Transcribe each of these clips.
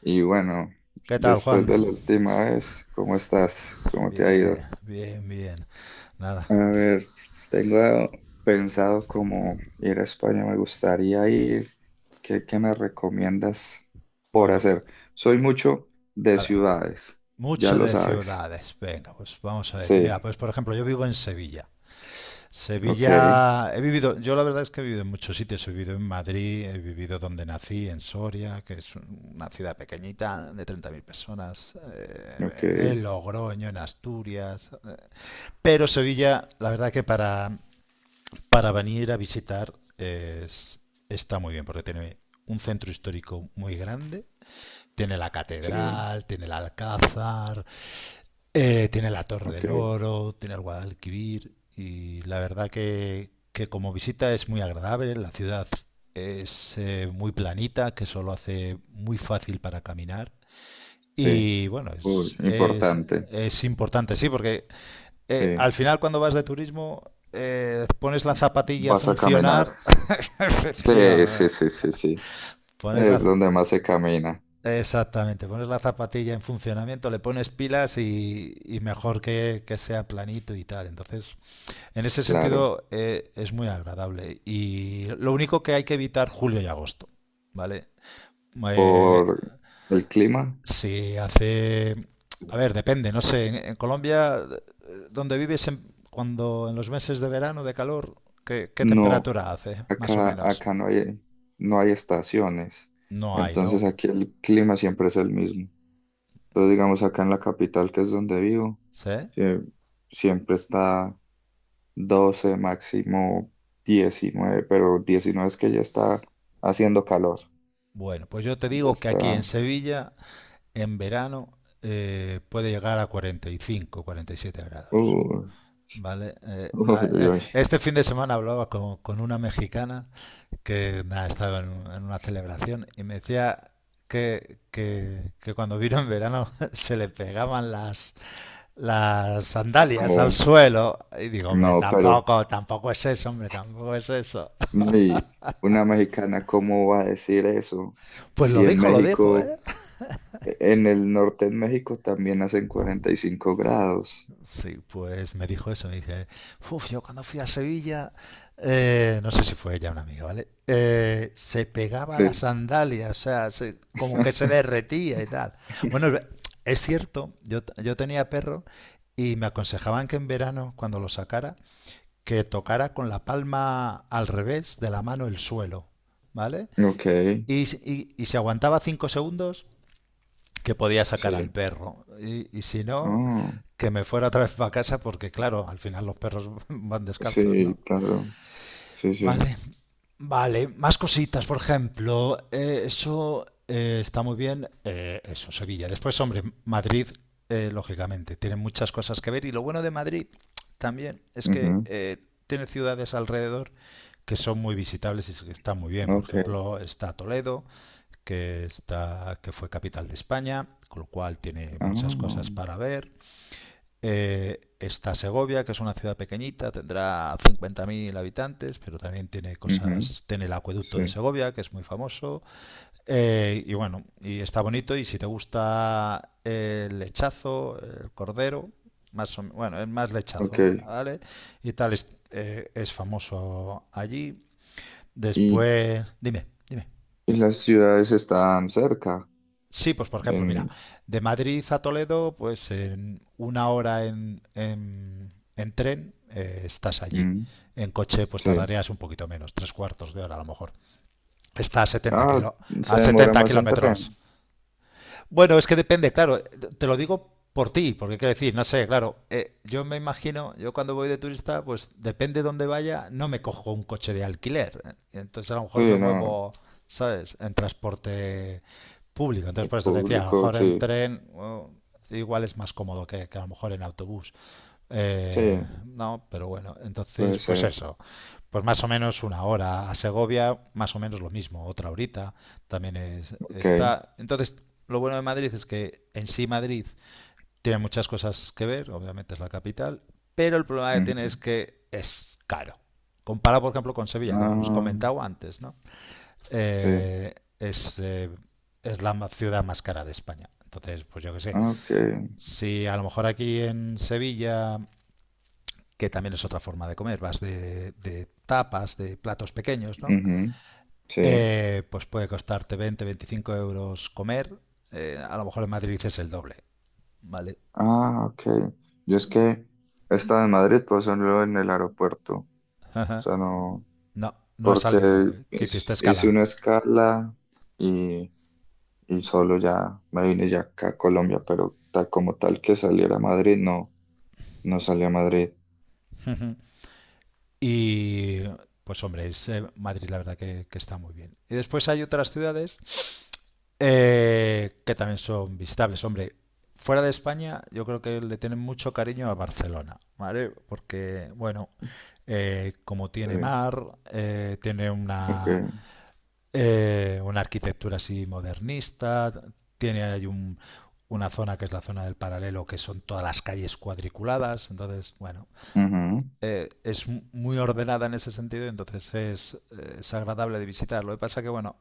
Y bueno, ¿Qué tal, después Juan? de la última vez, ¿cómo estás? ¿Cómo te ha Bien, ido? bien, bien. Nada. A ver, tengo pensado como ir a España, me gustaría ir. ¿Qué me recomiendas por Bueno, hacer? Soy mucho de a ver. ciudades, ya Mucho lo de sabes. ciudades. Venga, pues vamos a ver. Mira, Sí, pues por ejemplo, yo vivo en Sevilla. ok, Sevilla, yo la verdad es que he vivido en muchos sitios. He vivido en Madrid, he vivido donde nací, en Soria, que es una ciudad pequeñita de 30.000 personas. ok, En Logroño, en Asturias. Pero Sevilla, la verdad que para venir a visitar es, está muy bien porque tiene un centro histórico muy grande, tiene la sí, catedral, tiene el alcázar, tiene la Torre del ok, Oro, tiene el Guadalquivir y la verdad que como visita es muy agradable, la ciudad es muy planita, que eso lo hace muy fácil para caminar sí. y bueno, Uy, es, es, importante, es importante, sí, porque sí. al final cuando vas de turismo pones la zapatilla a Vas a caminar. funcionar. Sí, Sí, sí, vamos, sí, sí, sí. pones Es la, donde más se camina, exactamente, pones la zapatilla en funcionamiento, le pones pilas y mejor que sea planito y tal. Entonces, en ese claro. sentido es muy agradable. Y lo único que hay que evitar julio y agosto, ¿vale? Eh, Por el clima. si hace... A ver, depende, no sé, en, Colombia, donde vives cuando en los meses de verano, de calor, ¿qué No, temperatura hace, más o acá, menos? acá no hay, no hay estaciones. No hay, ¿no? Entonces aquí el clima siempre es el mismo. Entonces, digamos, acá en la capital, que es donde vivo, ¿Sí? sie- siempre está 12 máximo 19, pero 19 es que ya está haciendo calor. Bueno, pues yo te Ya digo que aquí en está. Sevilla, en verano, puede llegar a 45, 47 grados. uh, ¿Vale? Uy, uy, uy. Este fin de semana hablaba con una mexicana que nada, estaba en, una celebración y me decía que cuando vino en verano se le pegaban las sandalias al No, suelo. Y digo, hombre, no, pero tampoco, tampoco es eso, hombre, tampoco es eso. uy, una mexicana, ¿cómo va a decir eso? Pues Si en lo dijo, México. ¿eh? En el norte de México también hacen 45 grados. Sí, pues me dijo eso, me dije, uff, yo cuando fui a Sevilla, no sé si fue ella una amiga, ¿vale? Se pegaba a las Sí. sandalias, o sea, como que se derretía y tal. Bueno, es cierto, yo tenía perro y me aconsejaban que en verano, cuando lo sacara, que tocara con la palma al revés de la mano el suelo, ¿vale? Ok, Y, si- y si aguantaba 5 segundos, que podía sacar al sí. perro. Y si no, Ah, que me fuera otra vez para casa porque, claro, al final los perros van descartos, sí, ¿no? claro. Sí, sí. Vale, vale. Más cositas, por ejemplo, eso está muy bien, eso, Sevilla. Después, hombre, Madrid, lógicamente, tiene muchas cosas que ver y lo bueno de Madrid también es que Ujú, tiene ciudades alrededor que son muy visitables y que están muy bien. Por ok. ejemplo, está Toledo, que fue capital de España, con lo cual tiene muchas cosas Ah, para ver. Está Segovia, que es una ciudad pequeñita, tendrá 50.000 habitantes, pero también tiene ujú, cosas, tiene el acueducto sí. de Segovia, que es muy famoso. Y bueno, y está bonito. Y si te gusta el lechazo, el cordero, bueno, es más lechazo, Ok. ¿vale? Y tal, es famoso allí. Y, Después, dime, dime. y las ciudades están cerca. Sí, pues por ejemplo, mira, En, de Madrid a Toledo, pues en una hora en tren estás allí. mm, En coche, pues sí. tardarías un poquito menos, tres cuartos de hora a lo mejor. Está Ah, se a demora 70 más en kilómetros. tren. Bueno, es que depende, claro, te lo digo por ti, porque quiero decir, no sé, claro, yo me imagino, yo cuando voy de turista, pues depende de dónde vaya, no me cojo un coche de alquiler, entonces a lo mejor me Sí, no. muevo, ¿sabes?, en transporte público, entonces El por eso te decía, a lo público, mejor en sí. tren, bueno, igual es más cómodo que a lo mejor en autobús, Sí, no, pero bueno, entonces, puede pues ser. eso, pues más o menos una hora. A Segovia, más o menos lo mismo, otra horita también Ok. está. Entonces, lo bueno de Madrid es que en sí Madrid tiene muchas cosas que ver, obviamente es la capital, pero el problema que tiene es Ujú. que es caro. Comparado, por ejemplo, con Sevilla, que hemos Ah, comentado antes, ¿no? sí. Eh, es, eh, es la ciudad más cara de España. Entonces, pues yo qué sé, Ok. si a lo mejor aquí en Sevilla que también es otra forma de comer, vas de, tapas, de platos pequeños, ¿no? Ujú, sí. Pues puede costarte 20, 25 euros comer, a lo mejor en Madrid dices el doble, ¿vale? Ah, ok. Yo es que esta de Madrid pasó luego en el aeropuerto. O sea, no, No, no es porque salida, ¿eh? Que hiciste hice escala. una escala y, y solo ya me vine ya acá a Colombia, pero tal como tal que saliera a Madrid, no, no salí a Madrid. Y pues hombre, Madrid la verdad que está muy bien. Y después hay otras ciudades que también son visitables, hombre. Fuera de España, yo creo que le tienen mucho cariño a Barcelona, ¿vale? Porque, bueno, como tiene Sí, mar, tiene ok. una arquitectura así modernista, tiene ahí una zona que es la zona del paralelo, que son todas las calles cuadriculadas, entonces, bueno, es muy ordenada en ese sentido, entonces es agradable de visitar. Lo que pasa que, bueno,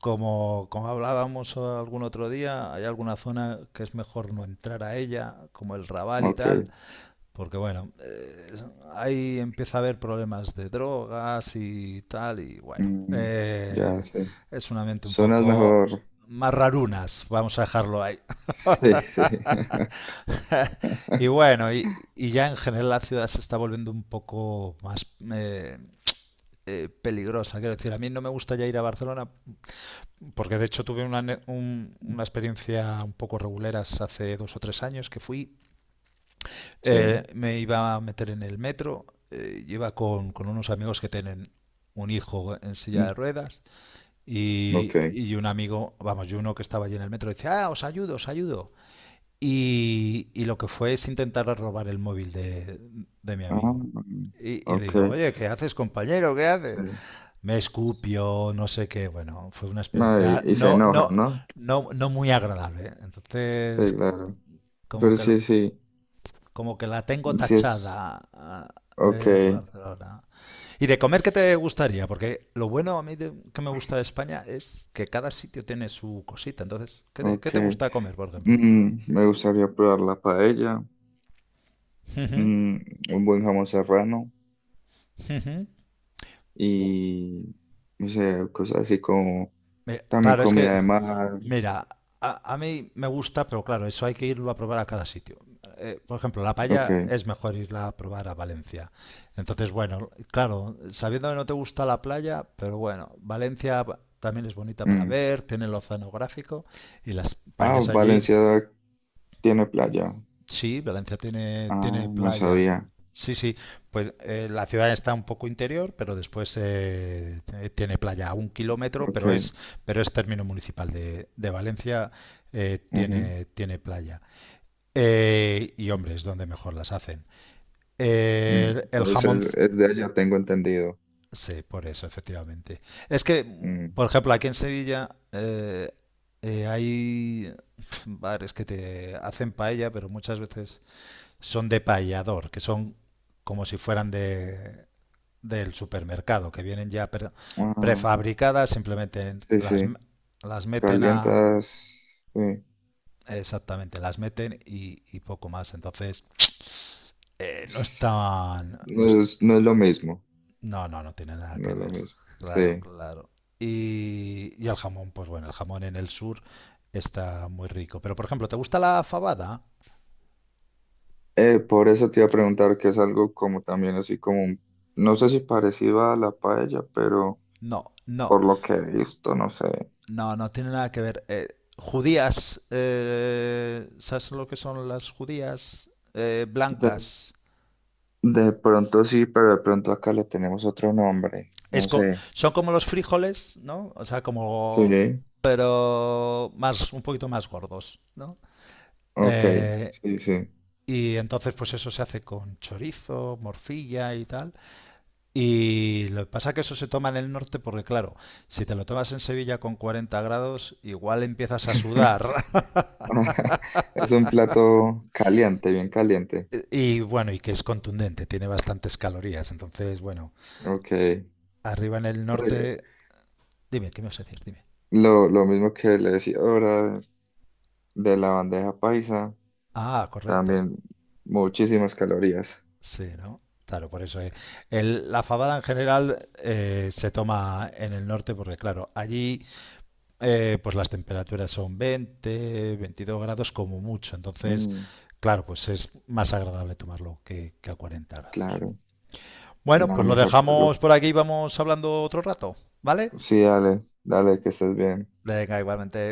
como hablábamos algún otro día, hay alguna zona que es mejor no entrar a ella, como el Raval Ujú, y ok. tal, porque bueno, ahí empieza a haber problemas de drogas y tal, y bueno, Mm, ya sé. es un ambiente un Zonas poco mejor. más rarunas, vamos a dejarlo ahí. Sí, sí. Y bueno, y ya en general la ciudad se está volviendo un poco más eh, peligrosa. Quiero decir, a mí no me gusta ya ir a Barcelona, porque de hecho tuve una experiencia un poco reguleras hace 2 o 3 años que fui. Sí. Me iba a meter en el metro, y iba con unos amigos que tienen un hijo en silla Mm, de ruedas y, ok. y un amigo, vamos, y uno que estaba allí en el metro decía, ah, os ayudo, os ayudo. Y lo que fue es intentar robar el móvil de, mi Ah, amigo. mm, Y le ok. digo, oye, ¿qué haces, compañero? ¿Qué haces? Sí. Me escupió, no sé qué. Bueno, fue una No, y, experiencia y se no, enojan, no, ¿no? no, no muy agradable. Entonces, Sí, claro. como Pero que, sí, sí, como que la tengo sí es, tachada. Ok, Barcelona. ¿Y de comer qué te s- gustaría? Porque lo bueno a mí que me gusta de España es que cada sitio tiene su cosita. Entonces, ¿qué te, ok. qué te gusta comer, por ejemplo? Mm, me gustaría probar la paella, Ujú, mm, un buen jamón serrano ujú. y, no sé, cosas así como también Claro, es comida que, de mar, mira, a mí me gusta, pero claro, eso hay que irlo a probar a cada sitio. Por ejemplo, la paella ok. es mejor irla a probar a Valencia. Entonces, bueno, claro, sabiendo que no te gusta la playa, pero bueno, Valencia también es bonita para Mm. ver, tiene el oceanográfico y las Ah, paellas allí. Valencia tiene playa. Sí, Valencia tiene, Ah, tiene no playa. sabía, Sí, sí, pues la ciudad está un poco interior, pero después tiene playa a 1 kilómetro, ok. pero es término municipal de, Valencia, Ujú, tiene playa. Y hombre, es donde mejor las hacen. mm. El Entonces jamón, es, es de allá, tengo entendido. sí, por eso, efectivamente. Es que, Mm. por ejemplo, aquí en Sevilla hay bares que te hacen paella, pero muchas veces son de payador, que son como si fueran de, del supermercado, que vienen ya pre- Ah, prefabricadas, simplemente sí, las, sí. las meten. Calientas, sí. Exactamente, las meten y poco más. Entonces, no están. No, No es, no es lo mismo, no tiene nada no que es lo ver. mismo. Sí. Claro, claro. Y el jamón, pues bueno, el jamón en el sur está muy rico. Pero, por ejemplo, ¿te gusta la fabada? Por eso te iba a preguntar que es algo como también así como, no sé si parecido a la paella, pero No, no. por lo que he visto, no sé. No, no tiene nada que ver. Judías, ¿sabes lo que son las judías? De, Blancas. de pronto sí, pero de pronto acá le tenemos otro nombre, Es no co- sé. Son como los frijoles, ¿no? O sea, Sí, pero más, un poquito más gordos, ¿no? ok, Eh, sí, sí. y entonces, pues eso se hace con chorizo, morcilla y tal. Y lo que pasa es que eso se toma en el norte porque, claro, si te lo tomas en Sevilla con 40 grados, igual empiezas a sudar. Es un plato caliente, bien caliente. Y bueno, y que es contundente, tiene bastantes calorías. Entonces, bueno, Ok. Arriba en el norte. Dime, ¿qué me vas a decir? Dime. lo mismo que le decía ahora, de la bandeja paisa, Ah, correcto. también muchísimas calorías. Sí, ¿no? Claro, por eso. La fabada en general se toma en el norte porque, claro, allí pues las temperaturas son 20, 22 grados como mucho. Entonces, Mm, claro, pues es más agradable tomarlo que a 40 grados. claro, Bueno, nada pues lo mejor que algo. dejamos por aquí y vamos hablando otro rato, ¿vale? Sí, dale, dale, que estés bien. Venga, igualmente.